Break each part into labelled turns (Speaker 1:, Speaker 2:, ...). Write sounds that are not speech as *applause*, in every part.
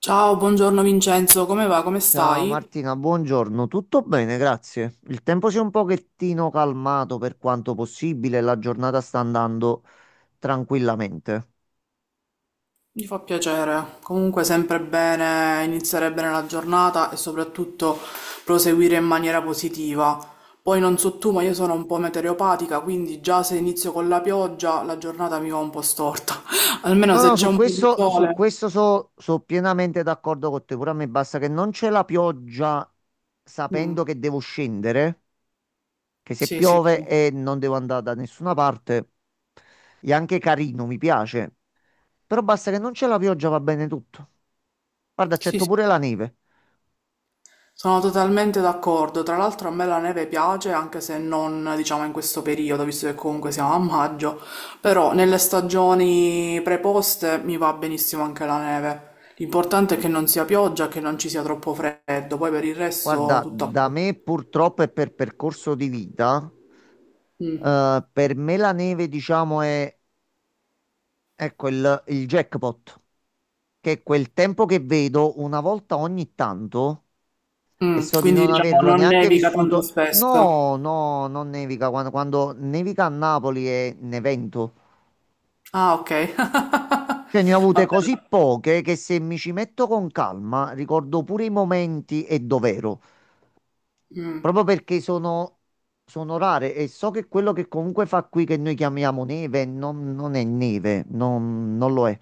Speaker 1: Ciao, buongiorno Vincenzo, come va? Come
Speaker 2: Ciao
Speaker 1: stai?
Speaker 2: Martina, buongiorno. Tutto bene, grazie. Il tempo si è un pochettino calmato per quanto possibile, la giornata sta andando tranquillamente.
Speaker 1: Mi fa piacere. Comunque sempre bene iniziare bene la giornata e soprattutto proseguire in maniera positiva. Poi non so tu, ma io sono un po' meteoropatica, quindi già se inizio con la pioggia la giornata mi va un po' storta. *laughs* Almeno
Speaker 2: No,
Speaker 1: se
Speaker 2: no,
Speaker 1: c'è
Speaker 2: su
Speaker 1: un po' di
Speaker 2: questo, su
Speaker 1: sole.
Speaker 2: questo so pienamente d'accordo con te. Pure a me basta che non c'è la pioggia
Speaker 1: Mm,
Speaker 2: sapendo che devo scendere, che se
Speaker 1: sì, sì, sì.
Speaker 2: piove e non devo andare da nessuna parte, è anche carino, mi piace. Però basta che non c'è la pioggia, va bene tutto. Guarda,
Speaker 1: Sì,
Speaker 2: accetto
Speaker 1: sì.
Speaker 2: pure la neve.
Speaker 1: Sono totalmente d'accordo, tra l'altro a me la neve piace anche se non diciamo in questo periodo, visto che comunque siamo a maggio, però nelle stagioni preposte mi va benissimo anche la neve. L'importante è che non sia pioggia, che non ci sia troppo freddo, poi per il resto
Speaker 2: Guarda,
Speaker 1: tutto a
Speaker 2: da
Speaker 1: posto.
Speaker 2: me purtroppo e per percorso di vita, per me la neve, diciamo, è ecco il jackpot, che è quel tempo che vedo una volta ogni tanto e
Speaker 1: Mm,
Speaker 2: so di
Speaker 1: quindi
Speaker 2: non
Speaker 1: diciamo
Speaker 2: averlo
Speaker 1: non
Speaker 2: neanche
Speaker 1: nevica tanto
Speaker 2: vissuto.
Speaker 1: spesso.
Speaker 2: No, no, non nevica. Quando nevica a Napoli è un evento.
Speaker 1: Ah, ok. *laughs*
Speaker 2: Cioè, ne ho avute
Speaker 1: Va
Speaker 2: così
Speaker 1: bene.
Speaker 2: poche che se mi ci metto con calma ricordo pure i momenti e dov'ero.
Speaker 1: Mm.
Speaker 2: Proprio perché sono rare e so che quello che comunque fa qui che noi chiamiamo neve non è neve, non lo è.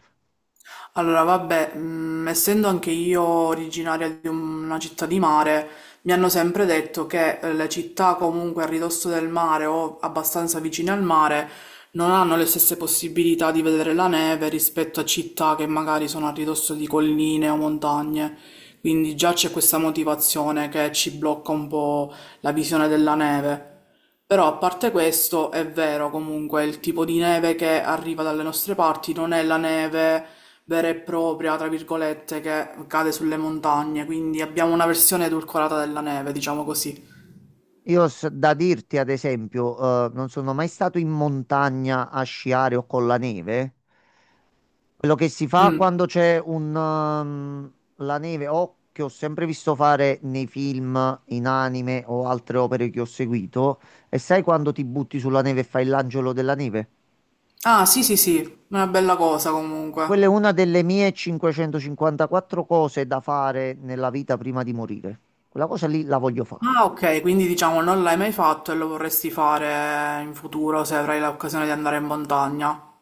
Speaker 1: Allora, vabbè, essendo anche io originaria di una città di mare, mi hanno sempre detto che le città comunque a ridosso del mare o abbastanza vicine al mare non hanno le stesse possibilità di vedere la neve rispetto a città che magari sono a ridosso di colline o montagne. Quindi già c'è questa motivazione che ci blocca un po' la visione della neve. Però a parte questo, è vero comunque, il tipo di neve che arriva dalle nostre parti non è la neve vera e propria, tra virgolette, che cade sulle montagne, quindi abbiamo una versione edulcorata della neve, diciamo così.
Speaker 2: Da dirti, ad esempio, non sono mai stato in montagna a sciare o con la neve. Quello che si fa
Speaker 1: Mm.
Speaker 2: quando c'è la neve o che ho sempre visto fare nei film, in anime o altre opere che ho seguito, e sai quando ti butti sulla neve e fai l'angelo della neve?
Speaker 1: Ah, sì, sì, sì, una bella cosa
Speaker 2: Quella
Speaker 1: comunque.
Speaker 2: è una delle mie 554 cose da fare nella vita prima di morire. Quella cosa lì la voglio fare.
Speaker 1: Ah, ok, quindi diciamo non l'hai mai fatto e lo vorresti fare in futuro se avrai l'occasione di andare in montagna.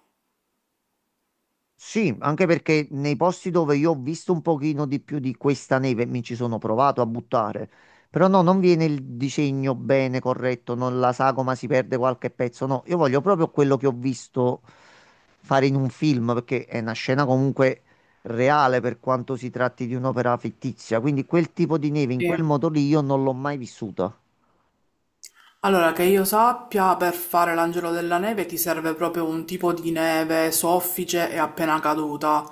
Speaker 2: Sì, anche perché nei posti dove io ho visto un pochino di più di questa neve, mi ci sono provato a buttare, però no, non viene il disegno bene, corretto, non la sagoma si perde qualche pezzo, no, io voglio proprio quello che ho visto fare in un film, perché è una scena comunque reale per quanto si tratti di un'opera fittizia, quindi quel tipo di neve in quel
Speaker 1: Sì.
Speaker 2: modo lì io non l'ho mai vissuta.
Speaker 1: Allora, che io sappia, per fare l'angelo della neve ti serve proprio un tipo di neve soffice e appena caduta,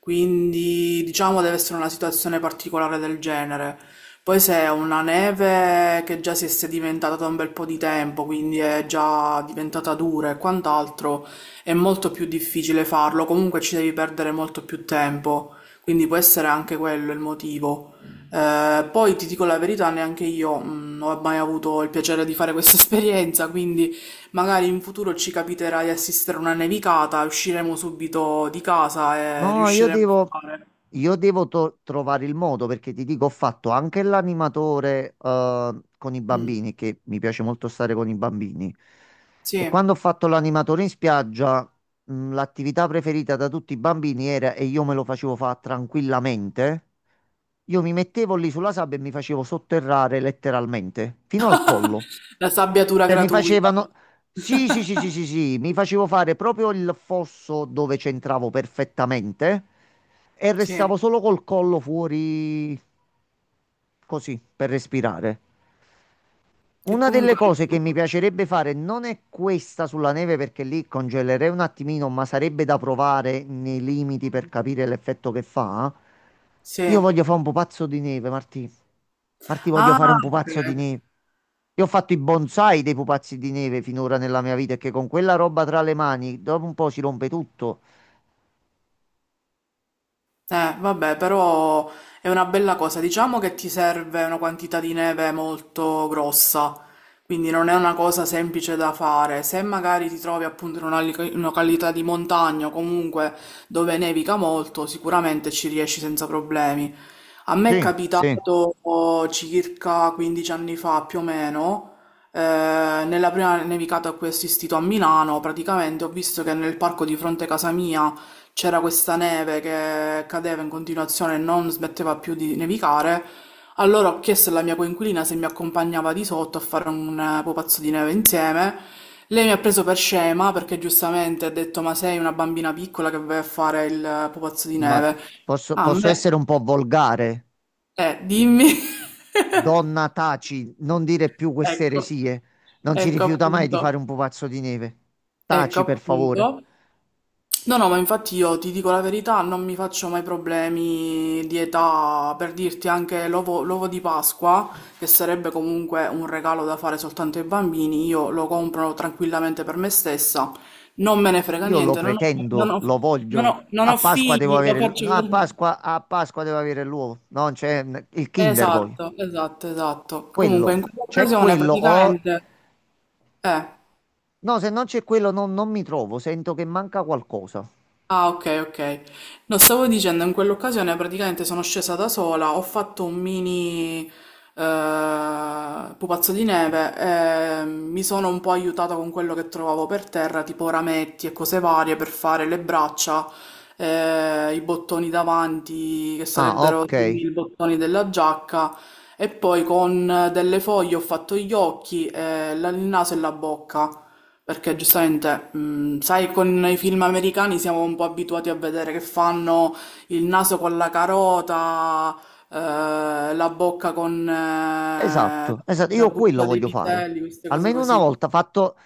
Speaker 1: quindi diciamo deve essere una situazione particolare del genere. Poi se è una neve che già si è sedimentata da un bel po' di tempo, quindi è già diventata dura e quant'altro, è molto più difficile farlo, comunque ci devi perdere molto più tempo, quindi può essere anche quello il motivo. Poi ti dico la verità, neanche io non ho mai avuto il piacere di fare *laughs* questa esperienza, quindi magari in futuro ci capiterà di assistere a una nevicata, usciremo subito di casa e
Speaker 2: No, io
Speaker 1: riusciremo
Speaker 2: devo,
Speaker 1: a fare.
Speaker 2: io devo to- trovare il modo perché ti dico, ho fatto anche l'animatore con i
Speaker 1: Mm,
Speaker 2: bambini, che mi piace molto stare con i bambini. E
Speaker 1: sì,
Speaker 2: quando ho fatto l'animatore in spiaggia, l'attività preferita da tutti i bambini era, e io me lo facevo fare tranquillamente, io mi mettevo lì sulla sabbia e mi facevo sotterrare letteralmente, fino al collo.
Speaker 1: la sabbiatura
Speaker 2: Cioè, mi
Speaker 1: gratuita.
Speaker 2: facevano. Sì, sì, sì, sì, sì, sì, mi facevo fare proprio il fosso dove c'entravo perfettamente e
Speaker 1: Sì,
Speaker 2: restavo solo col collo fuori così per respirare.
Speaker 1: che
Speaker 2: Una delle
Speaker 1: comunque...
Speaker 2: cose che mi piacerebbe fare non è questa sulla neve perché lì congelerei un attimino, ma sarebbe da provare nei limiti per capire l'effetto che fa. Io
Speaker 1: Sì.
Speaker 2: voglio fare un pupazzo di neve, Martì. Martì, voglio
Speaker 1: Ah,
Speaker 2: fare un
Speaker 1: ok.
Speaker 2: pupazzo di neve. Io ho fatto i bonsai dei pupazzi di neve finora nella mia vita e che con quella roba tra le mani dopo un po' si rompe tutto.
Speaker 1: Vabbè, però è una bella cosa. Diciamo che ti serve una quantità di neve molto grossa, quindi non è una cosa semplice da fare. Se magari ti trovi appunto in una in una località di montagna o comunque dove nevica molto, sicuramente ci riesci senza problemi. A me è
Speaker 2: Sì, sì,
Speaker 1: capitato oh, circa 15 anni fa più o meno, eh, nella prima nevicata a cui ho assistito a Milano, praticamente ho visto che nel parco di fronte a casa mia c'era questa neve che cadeva in continuazione e non smetteva più di nevicare. Allora ho chiesto alla mia coinquilina se mi accompagnava di sotto a fare un pupazzo di neve insieme. Lei mi ha preso per scema perché giustamente ha detto: Ma sei una bambina piccola che vai a fare il pupazzo di
Speaker 2: ma
Speaker 1: neve?
Speaker 2: posso,
Speaker 1: A
Speaker 2: posso essere
Speaker 1: me,
Speaker 2: un po' volgare.
Speaker 1: dimmi. *laughs*
Speaker 2: Donna, taci, non dire più queste
Speaker 1: Ecco,
Speaker 2: eresie. Non si
Speaker 1: ecco
Speaker 2: rifiuta mai di
Speaker 1: appunto,
Speaker 2: fare un pupazzo di neve.
Speaker 1: ecco
Speaker 2: Taci, per favore.
Speaker 1: appunto. No, no, ma infatti io ti dico la verità, non mi faccio mai problemi di età, per dirti anche l'ovo di Pasqua, che sarebbe comunque un regalo da fare soltanto ai bambini, io lo compro tranquillamente per me stessa, non me ne frega
Speaker 2: Io lo
Speaker 1: niente,
Speaker 2: pretendo, lo voglio.
Speaker 1: non
Speaker 2: A
Speaker 1: ho
Speaker 2: Pasqua devo
Speaker 1: figli, lo
Speaker 2: avere l-
Speaker 1: faccio
Speaker 2: No, a
Speaker 1: per...
Speaker 2: Pasqua, a Pasqua devo avere l'uovo. Non c'è il Kinder poi.
Speaker 1: Esatto, esatto, esatto. Comunque
Speaker 2: Quello.
Speaker 1: in
Speaker 2: C'è
Speaker 1: quell'occasione
Speaker 2: quello o
Speaker 1: praticamente... Eh.
Speaker 2: no, se non c'è quello non mi trovo, sento che manca qualcosa.
Speaker 1: Ah, ok, ok. No, stavo dicendo, in quell'occasione praticamente sono scesa da sola, ho fatto un mini pupazzo di neve, e mi sono un po' aiutata con quello che trovavo per terra, tipo rametti e cose varie per fare le braccia, i bottoni davanti, che
Speaker 2: Ah,
Speaker 1: sarebbero
Speaker 2: ok.
Speaker 1: simili ai bottoni della giacca, e poi con delle foglie ho fatto gli occhi, il naso e la bocca. Perché giustamente, sai, con i film americani siamo un po' abituati a vedere che fanno il naso con la carota, la bocca con
Speaker 2: Esatto, esatto,
Speaker 1: la
Speaker 2: io quello
Speaker 1: buccia dei
Speaker 2: voglio fare.
Speaker 1: piselli, queste cose
Speaker 2: Almeno una
Speaker 1: così.
Speaker 2: volta fatto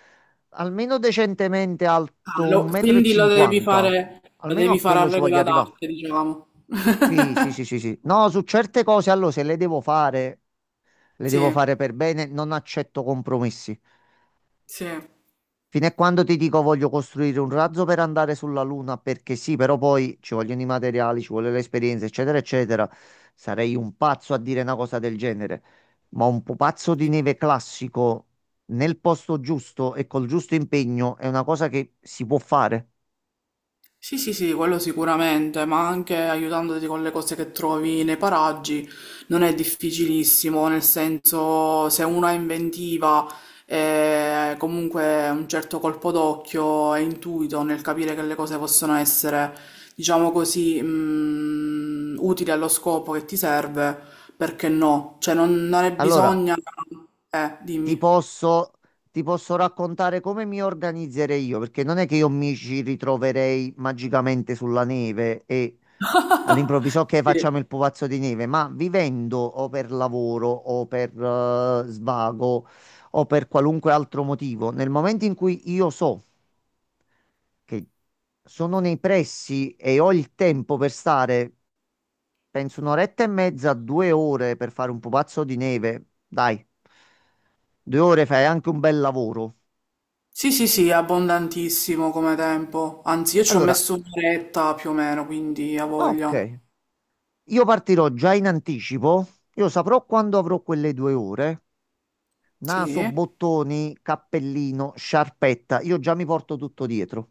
Speaker 2: almeno decentemente alto
Speaker 1: Quindi
Speaker 2: 1,50 m.
Speaker 1: lo
Speaker 2: Almeno
Speaker 1: devi
Speaker 2: a
Speaker 1: fare a
Speaker 2: quello ci voglio
Speaker 1: regola
Speaker 2: arrivare.
Speaker 1: d'arte, diciamo. *laughs*
Speaker 2: Sì, sì, sì, sì, sì. No, su certe cose, allora, se le devo fare, le
Speaker 1: Sì,
Speaker 2: devo fare per bene, non accetto compromessi.
Speaker 1: sì,
Speaker 2: Fino a quando ti dico voglio costruire un razzo per andare sulla Luna, perché sì, però poi ci vogliono i materiali, ci vuole l'esperienza, eccetera, eccetera. Sarei un pazzo a dire una cosa del genere. Ma un pupazzo di
Speaker 1: sì.
Speaker 2: neve classico nel posto giusto e col giusto impegno è una cosa che si può fare.
Speaker 1: Sì, sì, sì, quello sicuramente, ma anche aiutandoti con le cose che trovi nei paraggi non è difficilissimo, nel senso se uno è inventiva e comunque un certo colpo d'occhio e intuito nel capire che le cose possono essere, diciamo così, utili allo scopo che ti serve, perché no? Cioè non è
Speaker 2: Allora,
Speaker 1: bisogno...
Speaker 2: ti
Speaker 1: dimmi.
Speaker 2: posso, ti posso raccontare come mi organizzerei io, perché non è che io mi ci ritroverei magicamente sulla neve e all'improvviso che facciamo il pupazzo di neve, ma vivendo o per lavoro o per svago o per qualunque altro motivo, nel momento in cui io so che sono nei pressi e ho il tempo per stare, penso un'oretta e mezza, due ore per fare un pupazzo di neve, dai. Due ore fai anche un bel lavoro.
Speaker 1: Sì, sì, sì, è abbondantissimo come tempo. Anzi, io ci ho
Speaker 2: Allora,
Speaker 1: messo un'oretta più o meno, quindi a voglia.
Speaker 2: ok, io partirò già in anticipo. Io saprò quando avrò quelle due ore. Naso,
Speaker 1: Sì,
Speaker 2: bottoni, cappellino, sciarpetta. Io già mi porto tutto dietro.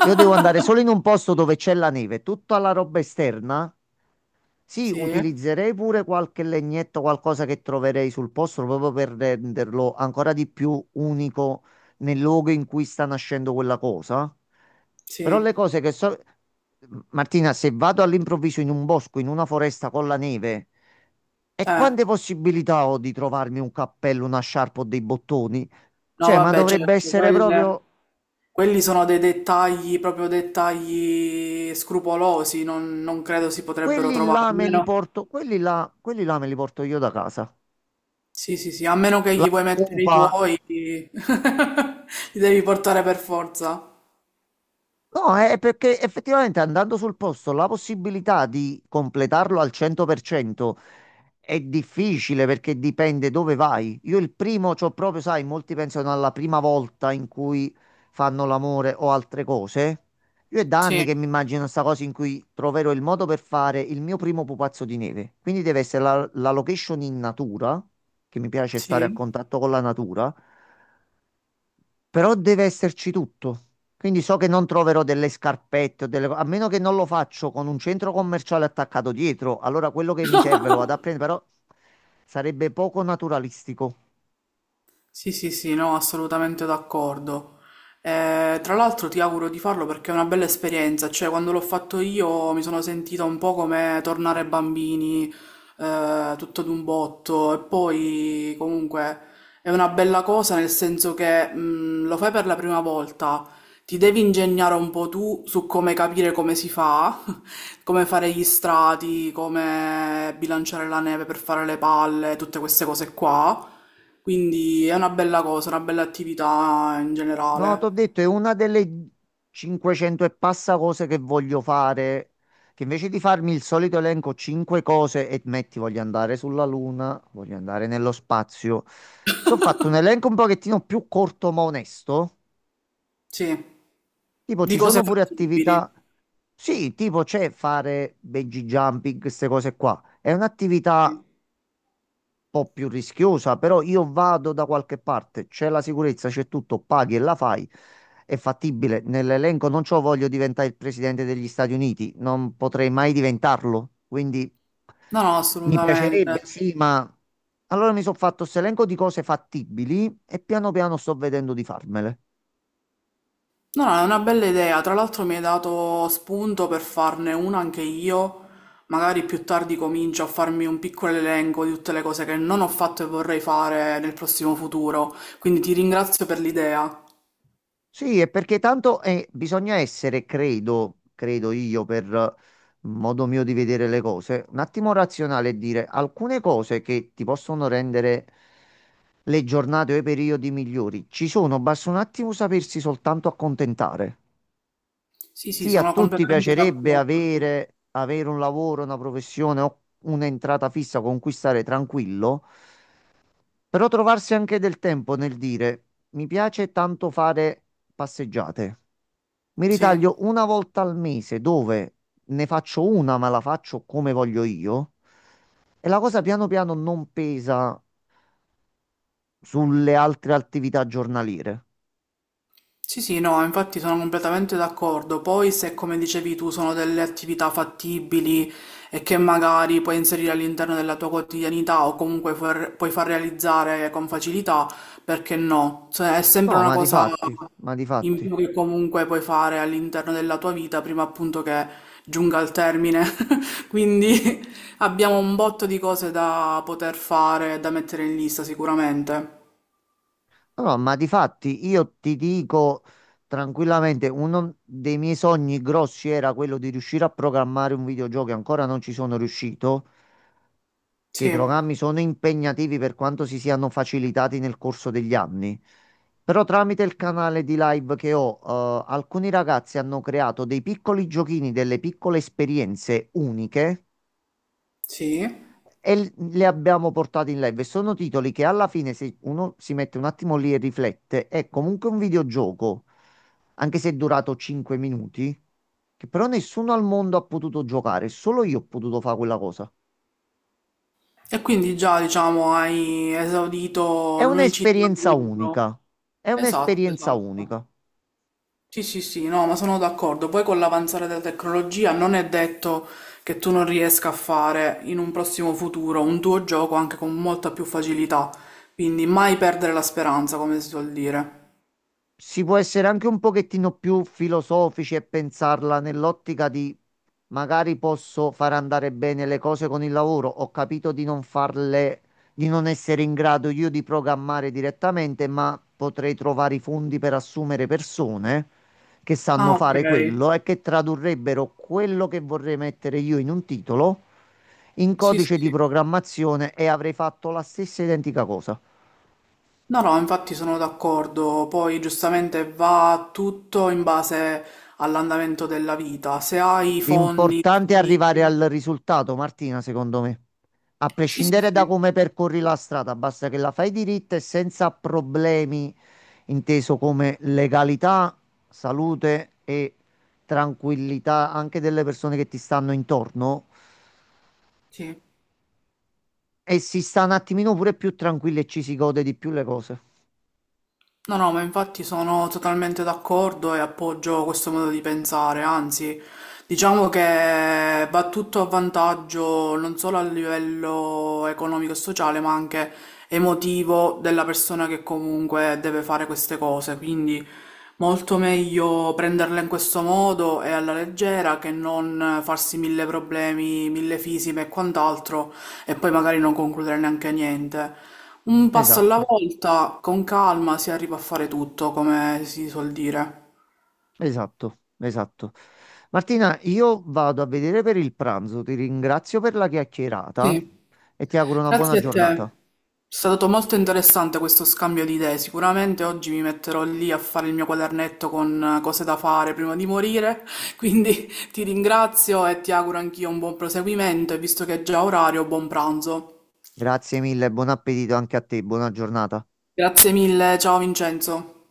Speaker 2: Io devo andare solo in un posto dove c'è la neve. Tutta la roba esterna. Sì,
Speaker 1: sì,
Speaker 2: utilizzerei pure qualche legnetto, qualcosa che troverei sul posto, proprio per renderlo ancora di più unico nel luogo in cui sta nascendo quella cosa. Però
Speaker 1: sì.
Speaker 2: le cose che so... Martina, se vado all'improvviso in un bosco, in una foresta con la neve, e
Speaker 1: Eh,
Speaker 2: quante possibilità ho di trovarmi un cappello, una sciarpa o dei bottoni?
Speaker 1: no,
Speaker 2: Cioè, ma
Speaker 1: vabbè,
Speaker 2: dovrebbe
Speaker 1: certo,
Speaker 2: essere proprio...
Speaker 1: quelli sono dei dettagli, proprio dettagli scrupolosi, non credo si potrebbero trovare. A meno,
Speaker 2: Quelli là me li porto io da casa.
Speaker 1: sì, sì, sì, a meno che
Speaker 2: La
Speaker 1: gli vuoi mettere i
Speaker 2: scopa.
Speaker 1: tuoi, *laughs* li devi portare per forza.
Speaker 2: No, è perché effettivamente andando sul posto la possibilità di completarlo al 100% è difficile perché dipende dove vai. Io il primo, c'ho proprio, sai, molti pensano alla prima volta in cui fanno l'amore o altre cose. Io è da anni
Speaker 1: Sì,
Speaker 2: che mi immagino sta cosa in cui troverò il modo per fare il mio primo pupazzo di neve. Quindi deve essere la location in natura, che mi piace stare a
Speaker 1: sì.
Speaker 2: contatto con la natura. Però deve esserci tutto. Quindi so che non troverò delle scarpette o delle... A meno che non lo faccio con un centro commerciale attaccato dietro, allora quello che mi serve lo vado a prendere, però sarebbe poco naturalistico.
Speaker 1: Sì, sì, sì, no, assolutamente d'accordo. Tra l'altro ti auguro di farlo perché è una bella esperienza, cioè quando l'ho fatto io mi sono sentita un po' come tornare bambini, tutto d'un botto e poi comunque è una bella cosa nel senso che lo fai per la prima volta, ti devi ingegnare un po' tu su come capire come si fa come fare gli strati, come bilanciare la neve per fare le palle, tutte queste cose qua. Quindi è una bella cosa, una bella attività in
Speaker 2: No, ti ho
Speaker 1: generale.
Speaker 2: detto, è una delle 500 e passa cose che voglio fare, che invece di farmi il solito elenco 5 cose e metti voglio andare sulla Luna, voglio andare nello spazio. Se ho fatto un elenco un pochettino più corto ma onesto,
Speaker 1: Sì,
Speaker 2: tipo
Speaker 1: di
Speaker 2: ci
Speaker 1: cose
Speaker 2: sono pure
Speaker 1: fattibili.
Speaker 2: attività. Sì, tipo c'è fare bungee jumping, queste cose qua. È un'attività
Speaker 1: Sì.
Speaker 2: un po' più rischiosa, però io vado da qualche parte, c'è la sicurezza, c'è tutto, paghi e la fai. È fattibile. Nell'elenco non c'ho voglio diventare il presidente degli Stati Uniti, non potrei mai diventarlo, quindi
Speaker 1: No, no,
Speaker 2: mi
Speaker 1: assolutamente.
Speaker 2: piacerebbe, sì, ma allora mi sono fatto questo elenco di cose fattibili e piano piano sto vedendo di farmele.
Speaker 1: No, no, è una bella idea. Tra l'altro mi hai dato spunto per farne una anche io. Magari più tardi comincio a farmi un piccolo elenco di tutte le cose che non ho fatto e vorrei fare nel prossimo futuro. Quindi ti ringrazio per l'idea.
Speaker 2: Sì, è perché tanto bisogna essere, credo io, per modo mio di vedere le cose, un attimo razionale e dire alcune cose che ti possono rendere le giornate o i periodi migliori ci sono, basta un attimo sapersi soltanto accontentare.
Speaker 1: Sì, sì,
Speaker 2: Sì, a
Speaker 1: sono
Speaker 2: tutti
Speaker 1: completamente
Speaker 2: piacerebbe
Speaker 1: d'accordo.
Speaker 2: avere un lavoro, una professione o un'entrata fissa con cui stare tranquillo, però trovarsi anche del tempo nel dire mi piace tanto fare passeggiate. Mi
Speaker 1: Sì.
Speaker 2: ritaglio una volta al mese dove ne faccio una, ma la faccio come voglio io. E la cosa piano piano non pesa sulle altre attività giornaliere.
Speaker 1: Sì, sì, no, infatti sono completamente d'accordo. Poi se, come dicevi tu, sono delle attività fattibili e che magari puoi inserire all'interno della tua quotidianità o comunque puoi far realizzare con facilità, perché no? Cioè, è sempre
Speaker 2: No,
Speaker 1: una
Speaker 2: ma di
Speaker 1: cosa
Speaker 2: fatti, ma di
Speaker 1: in
Speaker 2: fatti.
Speaker 1: più che comunque puoi fare all'interno della tua vita prima appunto che giunga al termine. *laughs* Quindi *laughs* abbiamo un botto di cose da poter fare e da mettere in lista sicuramente.
Speaker 2: No, no, ma di fatti io ti dico tranquillamente, uno dei miei sogni grossi era quello di riuscire a programmare un videogioco e ancora non ci sono riuscito. Che i
Speaker 1: Sì,
Speaker 2: programmi sono impegnativi per quanto si siano facilitati nel corso degli anni. Però tramite il canale di live che ho, alcuni ragazzi hanno creato dei piccoli giochini, delle piccole esperienze uniche
Speaker 1: sì.
Speaker 2: e le abbiamo portate in live. E sono titoli che alla fine, se uno si mette un attimo lì e riflette, è comunque un videogioco, anche se è durato 5 minuti, che però nessuno al mondo ha potuto giocare, solo io ho potuto fare quella cosa.
Speaker 1: E quindi già, diciamo, hai esaurito
Speaker 2: È
Speaker 1: l'unicità del
Speaker 2: un'esperienza
Speaker 1: libro.
Speaker 2: unica, è
Speaker 1: Esatto,
Speaker 2: un'esperienza
Speaker 1: esatto.
Speaker 2: unica.
Speaker 1: Sì, sì, sì, no, ma sono d'accordo. Poi con l'avanzare della tecnologia non è detto che tu non riesca a fare in un prossimo futuro un tuo gioco anche con molta più facilità. Quindi mai perdere la speranza, come si suol dire.
Speaker 2: Si può essere anche un pochettino più filosofici e pensarla nell'ottica di magari posso far andare bene le cose con il lavoro, ho capito di non farle, di non essere in grado io di programmare direttamente, ma potrei trovare i fondi per assumere persone che sanno
Speaker 1: Ah, ok.
Speaker 2: fare quello e che tradurrebbero quello che vorrei mettere io in un titolo in
Speaker 1: Sì, sì,
Speaker 2: codice di
Speaker 1: sì.
Speaker 2: programmazione e avrei fatto la stessa identica cosa.
Speaker 1: No, no, infatti sono d'accordo, poi giustamente va tutto in base all'andamento della vita, se hai i fondi
Speaker 2: L'importante è arrivare
Speaker 1: disponibili.
Speaker 2: al risultato, Martina, secondo me. A
Speaker 1: Sì, sì,
Speaker 2: prescindere
Speaker 1: sì,
Speaker 2: da come percorri la strada, basta che la fai diritta e senza problemi, inteso come legalità, salute e tranquillità anche delle persone che ti stanno intorno.
Speaker 1: sì.
Speaker 2: E si sta un attimino pure più tranquilli e ci si gode di più le cose.
Speaker 1: No, no, ma infatti sono totalmente d'accordo e appoggio questo modo di pensare, anzi, diciamo che va tutto a vantaggio non solo a livello economico e sociale, ma anche emotivo della persona che comunque deve fare queste cose, quindi molto meglio prenderla in questo modo e alla leggera che non farsi mille problemi, mille fisime e quant'altro e poi magari non concludere neanche niente. Un passo alla
Speaker 2: Esatto,
Speaker 1: volta, con calma si arriva a fare tutto, come si suol dire.
Speaker 2: esatto, esatto. Martina, io vado a vedere per il pranzo, ti ringrazio per la chiacchierata
Speaker 1: Sì,
Speaker 2: e ti auguro una buona
Speaker 1: grazie a te.
Speaker 2: giornata.
Speaker 1: È stato molto interessante questo scambio di idee. Sicuramente oggi mi metterò lì a fare il mio quadernetto con cose da fare prima di morire. *laughs* Quindi ti ringrazio e ti auguro anch'io un buon proseguimento e visto che è già orario, buon pranzo.
Speaker 2: Grazie mille, buon appetito anche a te, buona giornata.
Speaker 1: Grazie mille, ciao Vincenzo.